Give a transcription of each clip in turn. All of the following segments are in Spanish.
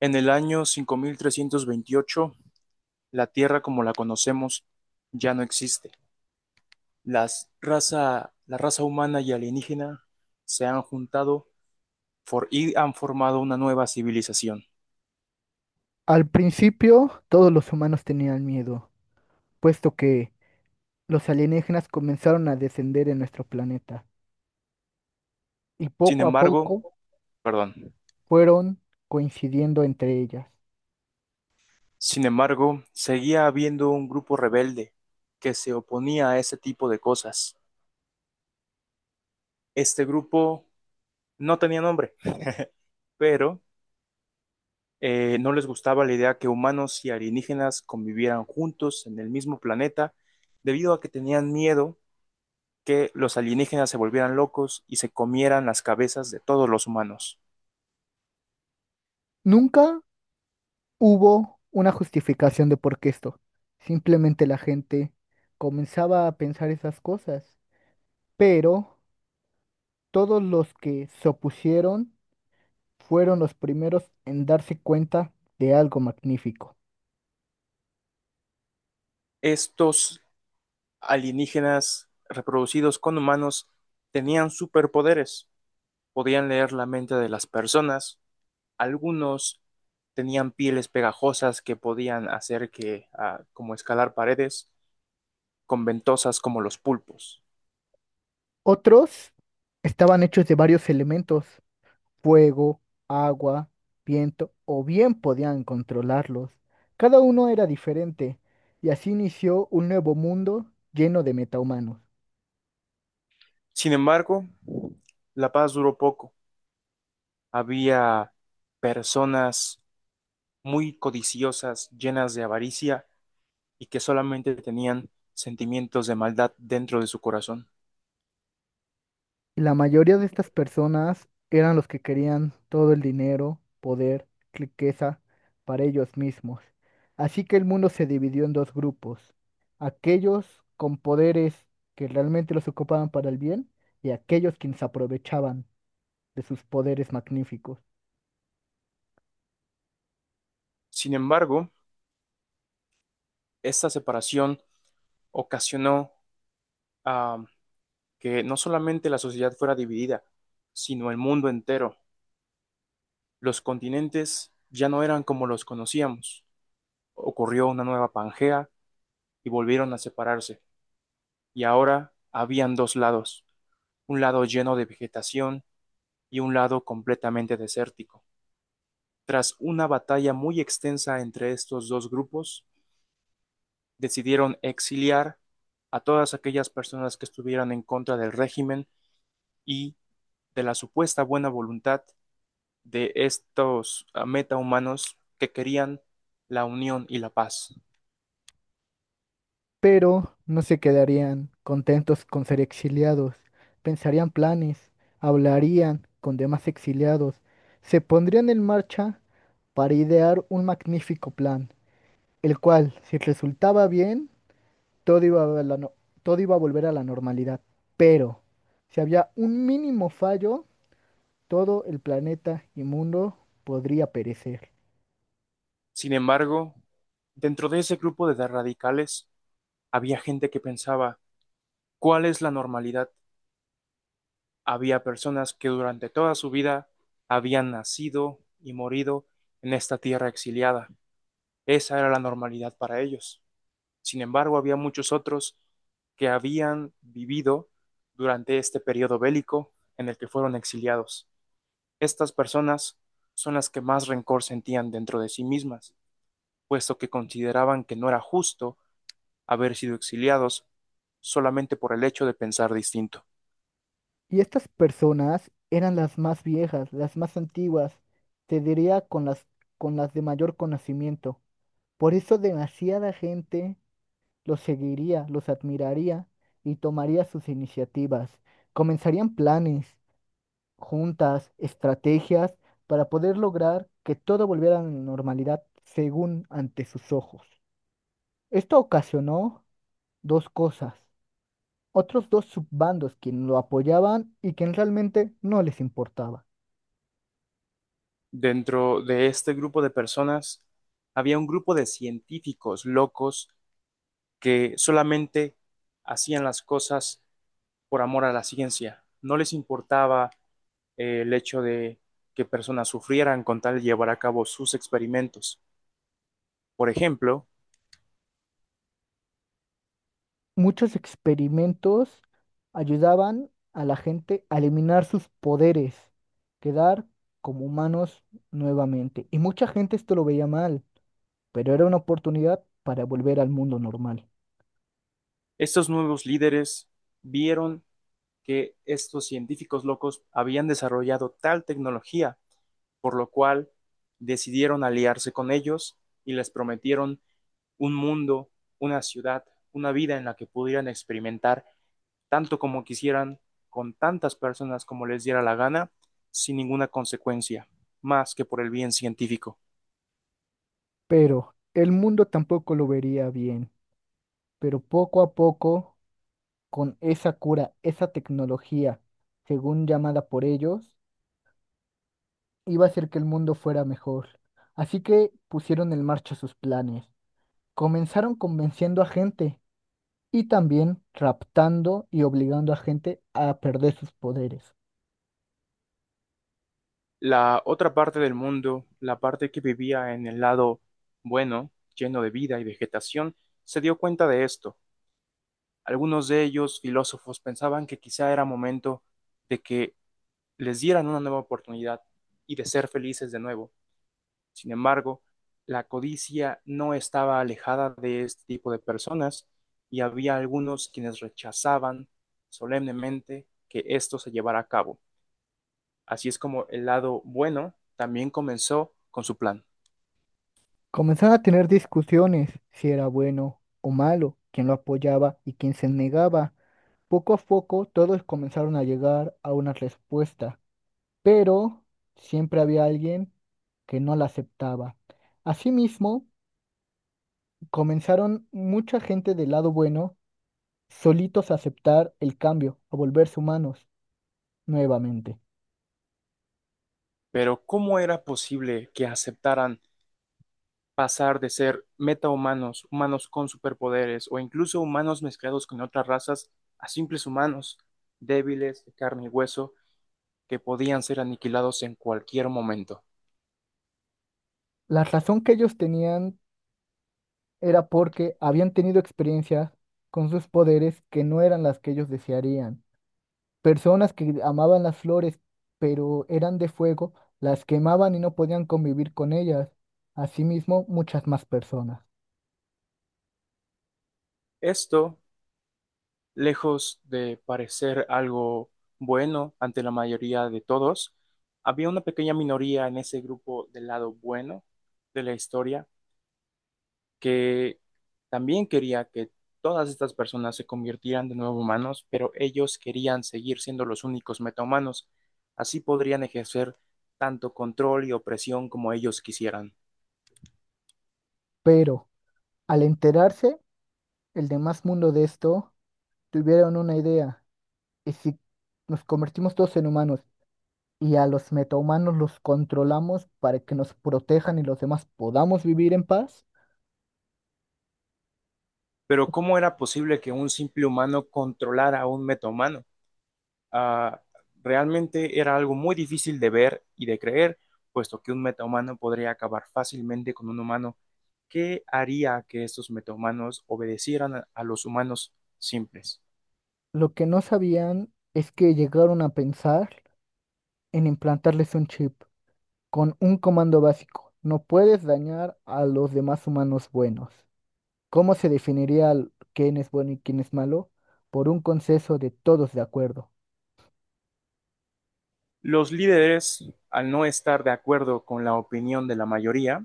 En el año 5328, la Tierra como la conocemos ya no existe. La raza humana y alienígena se han juntado y han formado una nueva civilización. Al principio, todos los humanos tenían miedo, puesto que los alienígenas comenzaron a descender en nuestro planeta y Sin poco a embargo, poco perdón, fueron coincidiendo entre ellas. sin embargo, seguía habiendo un grupo rebelde que se oponía a ese tipo de cosas. Este grupo no tenía nombre, pero no les gustaba la idea que humanos y alienígenas convivieran juntos en el mismo planeta, debido a que tenían miedo que los alienígenas se volvieran locos y se comieran las cabezas de todos los humanos. Nunca hubo una justificación de por qué esto. Simplemente la gente comenzaba a pensar esas cosas, pero todos los que se opusieron fueron los primeros en darse cuenta de algo magnífico. Estos alienígenas reproducidos con humanos tenían superpoderes, podían leer la mente de las personas, algunos tenían pieles pegajosas que podían hacer que, como escalar paredes, con ventosas como los pulpos. Otros estaban hechos de varios elementos: fuego, agua, viento, o bien podían controlarlos. Cada uno era diferente, y así inició un nuevo mundo lleno de metahumanos. Sin embargo, la paz duró poco. Había personas muy codiciosas, llenas de avaricia y que solamente tenían sentimientos de maldad dentro de su corazón. Y la mayoría de estas personas eran los que querían todo el dinero, poder, riqueza para ellos mismos. Así que el mundo se dividió en dos grupos, aquellos con poderes que realmente los ocupaban para el bien y aquellos quienes aprovechaban de sus poderes magníficos. Sin embargo, esta separación ocasionó ah, que no solamente la sociedad fuera dividida, sino el mundo entero. Los continentes ya no eran como los conocíamos. Ocurrió una nueva Pangea y volvieron a separarse. Y ahora habían dos lados, un lado lleno de vegetación y un lado completamente desértico. Tras una batalla muy extensa entre estos dos grupos, decidieron exiliar a todas aquellas personas que estuvieran en contra del régimen y de la supuesta buena voluntad de estos metahumanos que querían la unión y la paz. Pero no se quedarían contentos con ser exiliados. Pensarían planes, hablarían con demás exiliados, se pondrían en marcha para idear un magnífico plan, el cual, si resultaba bien, todo iba a la no- todo iba a volver a la normalidad. Pero, si había un mínimo fallo, todo el planeta y mundo podría perecer. Sin embargo, dentro de ese grupo de radicales había gente que pensaba, ¿cuál es la normalidad? Había personas que durante toda su vida habían nacido y morido en esta tierra exiliada. Esa era la normalidad para ellos. Sin embargo, había muchos otros que habían vivido durante este periodo bélico en el que fueron exiliados. Estas personas son las que más rencor sentían dentro de sí mismas, puesto que consideraban que no era justo haber sido exiliados solamente por el hecho de pensar distinto. Y estas personas eran las más viejas, las más antiguas, te diría con las de mayor conocimiento. Por eso demasiada gente los seguiría, los admiraría y tomaría sus iniciativas. Comenzarían planes, juntas, estrategias para poder lograr que todo volviera a la normalidad según ante sus ojos. Esto ocasionó dos cosas, otros dos subbandos quienes lo apoyaban y quien realmente no les importaba. Dentro de este grupo de personas había un grupo de científicos locos que solamente hacían las cosas por amor a la ciencia. No les importaba el hecho de que personas sufrieran con tal de llevar a cabo sus experimentos. Por ejemplo, Muchos experimentos ayudaban a la gente a eliminar sus poderes, quedar como humanos nuevamente. Y mucha gente esto lo veía mal, pero era una oportunidad para volver al mundo normal. estos nuevos líderes vieron que estos científicos locos habían desarrollado tal tecnología, por lo cual decidieron aliarse con ellos y les prometieron un mundo, una ciudad, una vida en la que pudieran experimentar tanto como quisieran, con tantas personas como les diera la gana, sin ninguna consecuencia, más que por el bien científico. Pero el mundo tampoco lo vería bien. Pero poco a poco, con esa cura, esa tecnología, según llamada por ellos, iba a hacer que el mundo fuera mejor. Así que pusieron en marcha sus planes. Comenzaron convenciendo a gente y también raptando y obligando a gente a perder sus poderes. La otra parte del mundo, la parte que vivía en el lado bueno, lleno de vida y vegetación, se dio cuenta de esto. Algunos de ellos, filósofos, pensaban que quizá era momento de que les dieran una nueva oportunidad y de ser felices de nuevo. Sin embargo, la codicia no estaba alejada de este tipo de personas y había algunos quienes rechazaban solemnemente que esto se llevara a cabo. Así es como el lado bueno también comenzó con su plan. Comenzaron a tener discusiones si era bueno o malo, quién lo apoyaba y quién se negaba. Poco a poco todos comenzaron a llegar a una respuesta, pero siempre había alguien que no la aceptaba. Asimismo, comenzaron mucha gente del lado bueno solitos a aceptar el cambio, a volverse humanos nuevamente. Pero, ¿cómo era posible que aceptaran pasar de ser metahumanos, humanos con superpoderes o incluso humanos mezclados con otras razas a simples humanos débiles de carne y hueso que podían ser aniquilados en cualquier momento? La razón que ellos tenían era porque habían tenido experiencias con sus poderes que no eran las que ellos desearían. Personas que amaban las flores, pero eran de fuego, las quemaban y no podían convivir con ellas. Asimismo, muchas más personas. Esto, lejos de parecer algo bueno ante la mayoría de todos, había una pequeña minoría en ese grupo del lado bueno de la historia que también quería que todas estas personas se convirtieran de nuevo humanos, pero ellos querían seguir siendo los únicos metahumanos. Así podrían ejercer tanto control y opresión como ellos quisieran. Pero al enterarse, el demás mundo de esto, tuvieron una idea. ¿Y si nos convertimos todos en humanos y a los metahumanos los controlamos para que nos protejan y los demás podamos vivir en paz? Pero, ¿cómo era posible que un simple humano controlara a un metahumano? ah, Realmente era algo muy difícil de ver y de creer, puesto que un metahumano podría acabar fácilmente con un humano. ¿Qué haría que estos metahumanos obedecieran a los humanos simples? Lo que no sabían es que llegaron a pensar en implantarles un chip con un comando básico. No puedes dañar a los demás humanos buenos. ¿Cómo se definiría quién es bueno y quién es malo? Por un consenso de todos de acuerdo. Los líderes, al no estar de acuerdo con la opinión de la mayoría,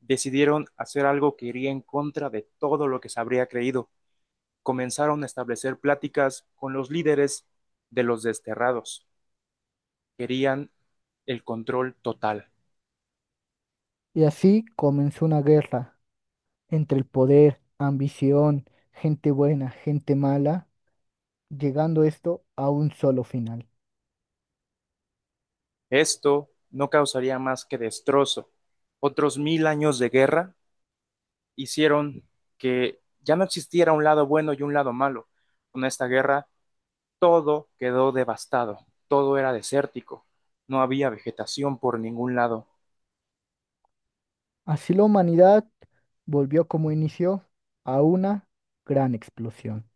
decidieron hacer algo que iría en contra de todo lo que se habría creído. Comenzaron a establecer pláticas con los líderes de los desterrados. Querían el control total. Y así comenzó una guerra entre el poder, ambición, gente buena, gente mala, llegando esto a un solo final. Esto no causaría más que destrozo. Otros mil años de guerra hicieron que ya no existiera un lado bueno y un lado malo. Con esta guerra todo quedó devastado, todo era desértico, no había vegetación por ningún lado. Así la humanidad volvió como inició a una gran explosión.